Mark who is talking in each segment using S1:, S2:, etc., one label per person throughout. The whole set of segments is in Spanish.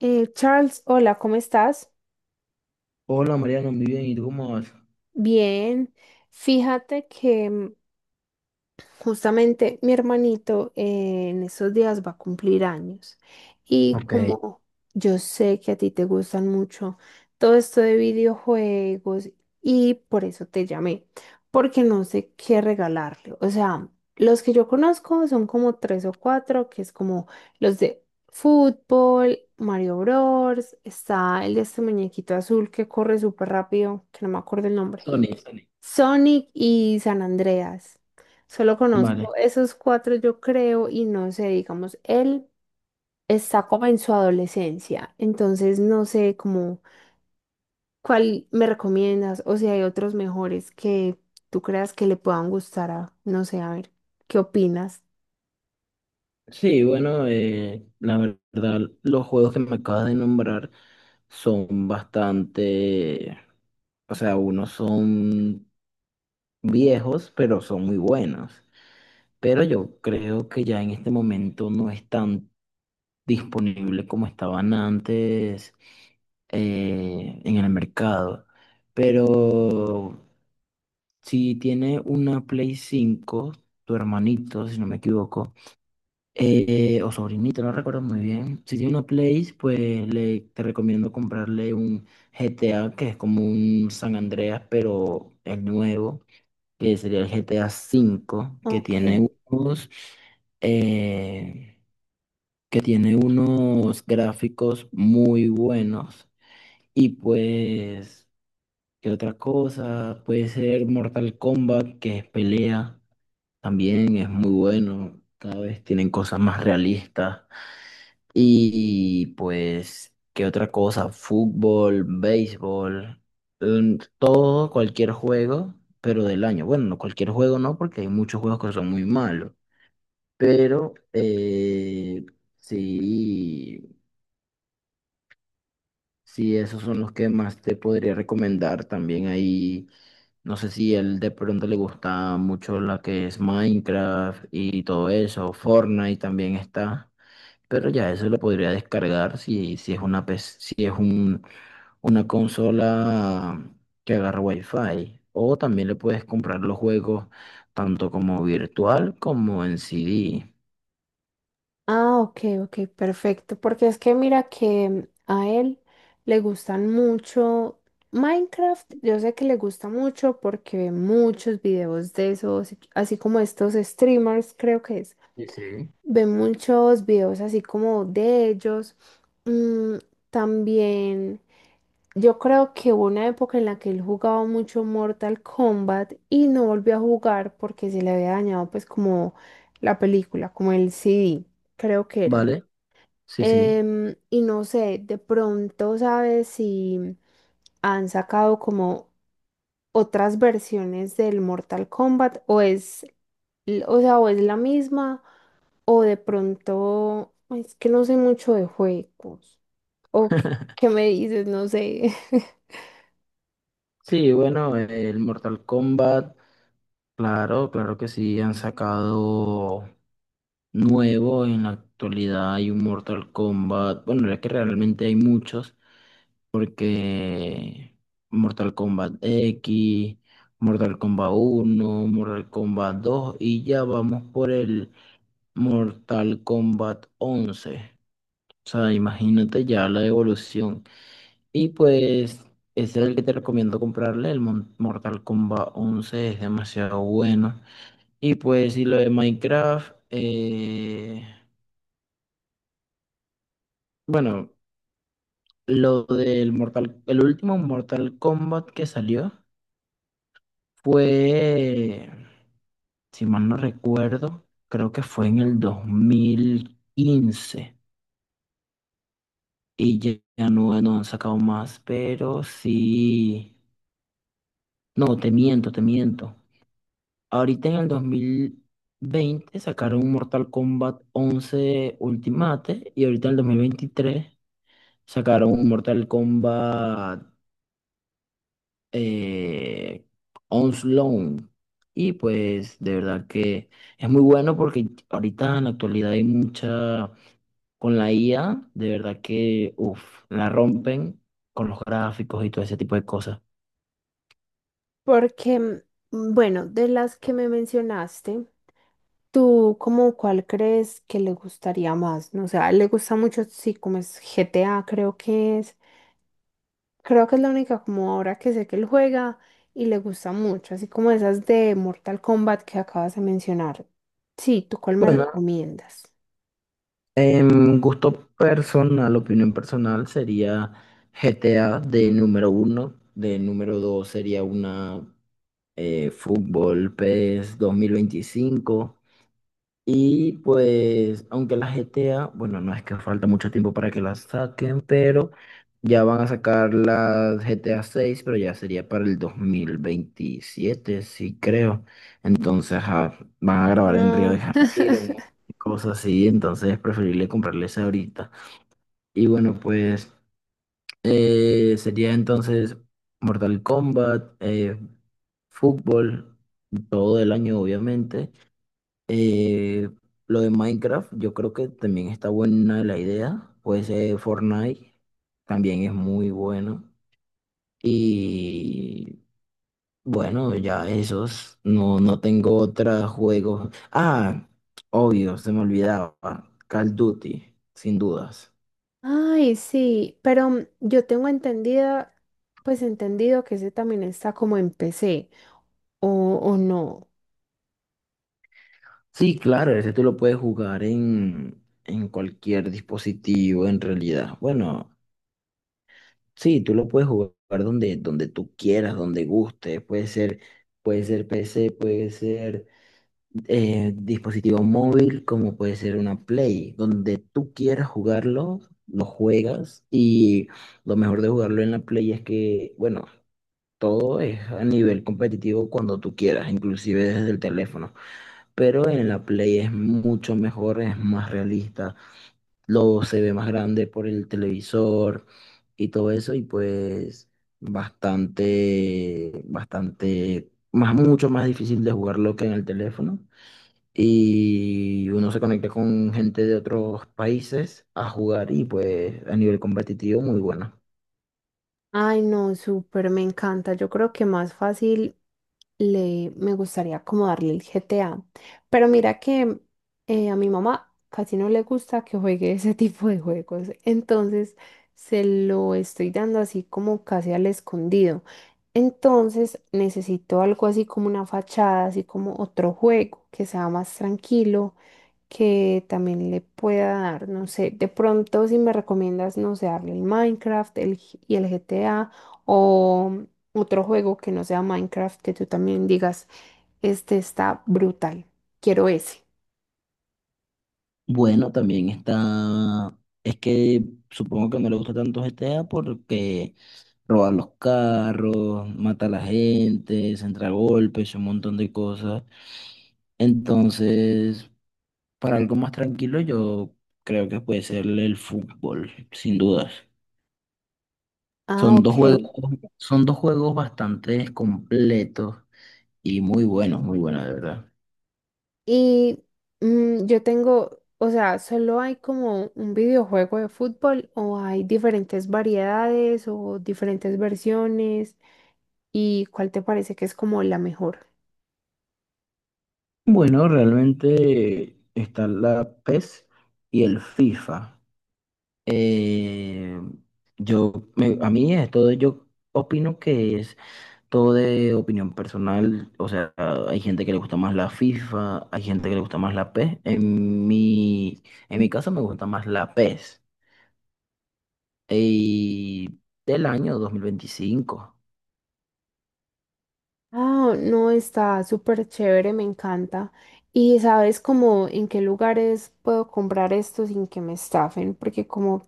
S1: Charles, hola, ¿cómo estás?
S2: Hola Mariano, muy bien, ¿y tú cómo vas?
S1: Bien. Fíjate que justamente mi hermanito en esos días va a cumplir años, y
S2: Eh,
S1: como yo sé que a ti te gustan mucho todo esto de videojuegos, y por eso te llamé, porque no sé qué regalarle. O sea, los que yo conozco son como tres o cuatro, que es como los de fútbol, Mario Bros, está el de este muñequito azul que corre súper rápido, que no me acuerdo el nombre.
S2: Sony, Sony.
S1: Sonic y San Andreas. Solo conozco
S2: Vale.
S1: esos cuatro, yo creo, y no sé, digamos, él está como en su adolescencia, entonces no sé cómo, cuál me recomiendas o si hay otros mejores que tú creas que le puedan gustar a, no sé, a ver, ¿qué opinas?
S2: Sí, bueno, la verdad, los juegos que me acabas de nombrar son bastante, o sea, unos son viejos, pero son muy buenos. Pero yo creo que ya en este momento no es tan disponible como estaban antes en el mercado. Pero si tiene una Play 5 tu hermanito, si no me equivoco, o sobrinito, no recuerdo muy bien. Si tiene una Play, pues te recomiendo comprarle un GTA, que es como un San Andreas, pero el nuevo, que sería el GTA 5 que
S1: Ok.
S2: tiene eh, unos gráficos muy buenos. Y pues, ¿qué otra cosa? Puede ser Mortal Kombat, que es pelea. También es muy bueno, cada vez tienen cosas más realistas. Y pues, ¿qué otra cosa? Fútbol, béisbol, todo, cualquier juego, pero del año. Bueno, no cualquier juego no, porque hay muchos juegos que son muy malos. Pero sí, sí, esos son los que más te podría recomendar. También hay No sé si él de pronto le gusta mucho la que es Minecraft y todo eso, Fortnite también está, pero ya eso lo podría descargar si es una PC, si es una consola que agarra Wi-Fi. O también le puedes comprar los juegos tanto como virtual como en CD.
S1: Ah, ok, ok, perfecto. Porque es que mira que a él le gustan mucho Minecraft. Yo sé que le gusta mucho porque ve muchos videos de esos, así como estos streamers, creo que es.
S2: Sí, sí.
S1: Ve muchos videos así como de ellos. Mm, también, yo creo que hubo una época en la que él jugaba mucho Mortal Kombat y no volvió a jugar porque se le había dañado pues como la película, como el CD, creo que era.
S2: ¿Vale? Sí, sí.
S1: Y no sé, de pronto sabes si han sacado como otras versiones del Mortal Kombat, o es, o sea, o es la misma, o de pronto es que no sé mucho de juegos, o qué, qué me dices, no sé.
S2: Sí, bueno, el Mortal Kombat, claro, claro que sí, han sacado. Nuevo. En la actualidad hay un Mortal Kombat. Bueno, es que realmente hay muchos, porque Mortal Kombat X, Mortal Kombat uno, Mortal Kombat dos y ya vamos por el Mortal Kombat 11. O sea, imagínate ya la evolución. Y pues ese es el que te recomiendo comprarle. El Mortal Kombat 11 es demasiado bueno. Y pues lo de Minecraft, bueno. El último Mortal Kombat que salió fue, si mal no recuerdo, creo que fue en el 2015 y ya no han sacado más, pero sí, no, te miento, te miento. Ahorita en el 2020 sacaron Mortal Kombat once Ultimate, y ahorita en el 2023 sacaron un Mortal Kombat eh, On loan. Y pues de verdad que es muy bueno, porque ahorita en la actualidad hay mucha, con la IA, de verdad que, uff, la rompen con los gráficos y todo ese tipo de cosas.
S1: Porque, bueno, de las que me mencionaste, ¿tú como cuál crees que le gustaría más? No, o sea, le gusta mucho, sí, como es GTA, creo que es. Creo que es la única como ahora que sé que él juega y le gusta mucho, así como esas de Mortal Kombat que acabas de mencionar. Sí, ¿tú cuál me
S2: Bueno,
S1: recomiendas?
S2: en gusto personal, opinión personal, sería GTA de número uno, de número dos sería una Fútbol PES 25. Y pues, aunque la GTA, bueno, no es que falta mucho tiempo para que la saquen, pero ya van a sacar la GTA 6, pero ya sería para el 2027, sí creo. Entonces, ajá, van a grabar en Río de
S1: No.
S2: Janeiro, cosas así, entonces es preferible comprarles ahorita. Y bueno, pues sería entonces Mortal Kombat, fútbol, todo el año obviamente. Eh, lo de Minecraft, yo creo que también está buena la idea. Pues Fortnite también es muy bueno. Y bueno, ya esos, no tengo otros juegos. Ah, obvio, se me olvidaba. Call of Duty, sin dudas.
S1: Ay, sí, pero yo tengo entendida, pues entendido que ese también está como en PC, o, o no.
S2: Sí, claro, ese tú lo puedes jugar en cualquier dispositivo en realidad. Bueno, sí, tú lo puedes jugar donde tú quieras, donde guste. Puede ser PC, puede ser dispositivo móvil, como puede ser una Play. Donde tú quieras jugarlo, lo juegas. Y lo mejor de jugarlo en la Play es que, bueno, todo es a nivel competitivo cuando tú quieras, inclusive desde el teléfono. Pero en la Play es mucho mejor, es más realista, lo se ve más grande por el televisor y todo eso, y pues bastante, bastante, mucho más difícil de jugarlo que en el teléfono. Y uno se conecta con gente de otros países a jugar, y pues a nivel competitivo muy bueno.
S1: Ay, no, súper, me encanta. Yo creo que más fácil le me gustaría como darle el GTA. Pero mira que a mi mamá casi no le gusta que juegue ese tipo de juegos. Entonces se lo estoy dando así como casi al escondido. Entonces necesito algo así como una fachada, así como otro juego que sea más tranquilo que también le pueda dar, no sé, de pronto si me recomiendas, no sé, darle el Minecraft y el GTA, o otro juego que no sea Minecraft que tú también digas, este está brutal, quiero ese.
S2: Bueno, también está, es que supongo que no le gusta tanto GTA porque roba los carros, mata a la gente, se entra a golpes, un montón de cosas. Entonces, para algo más tranquilo, yo creo que puede ser el fútbol, sin dudas.
S1: Ah,
S2: Son
S1: ok.
S2: dos juegos, Son dos juegos bastante completos y muy buenos, de verdad.
S1: Y yo tengo, o sea, solo hay como un videojuego de fútbol, o hay diferentes variedades o diferentes versiones, y cuál te parece que es como la mejor.
S2: Bueno, realmente está la PES y el FIFA. Eh, a mí esto yo opino que es todo de opinión personal, o sea, hay gente que le gusta más la FIFA, hay gente que le gusta más la PES. En mi caso me gusta más la PES. Y del año 2025.
S1: Ah, no, está súper chévere, me encanta. Y sabes como en qué lugares puedo comprar esto sin que me estafen, porque como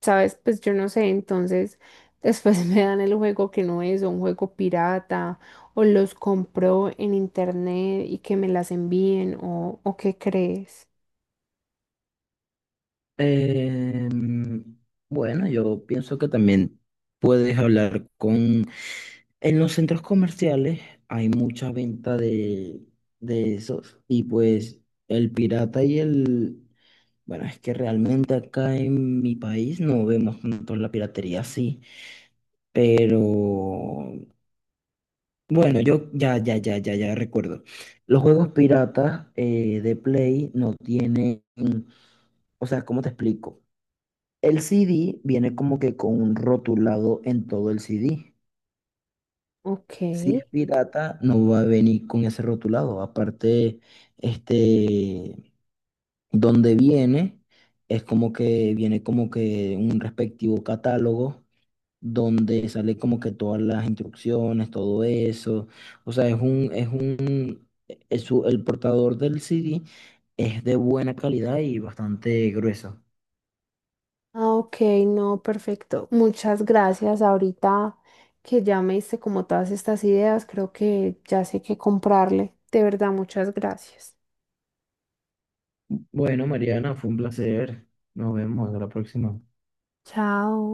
S1: sabes, pues yo no sé, entonces después me dan el juego que no es, o un juego pirata, o los compro en internet y que me las envíen, o qué crees.
S2: Em, bueno, yo pienso que también puedes hablar con... En los centros comerciales hay mucha venta de esos, y pues el pirata y el, bueno, es que realmente acá en mi país no vemos tanto la piratería así, pero bueno, yo ya recuerdo. Los juegos piratas de Play no tienen, o sea, ¿cómo te explico? El CD viene como que con un rotulado en todo el CD.
S1: Ok.
S2: Si es pirata, no va a venir con ese rotulado. Aparte, este, donde viene, es como que viene como que un respectivo catálogo donde sale como que todas las instrucciones, todo eso. O sea, es un, es un, es su- el portador del CD es de buena calidad y bastante grueso.
S1: Ah, ok, no, perfecto. Muchas gracias. Ahorita que ya me diste como todas estas ideas, creo que ya sé qué comprarle. De verdad, muchas gracias.
S2: Bueno, Mariana, fue un placer. Nos vemos a la próxima.
S1: Chao.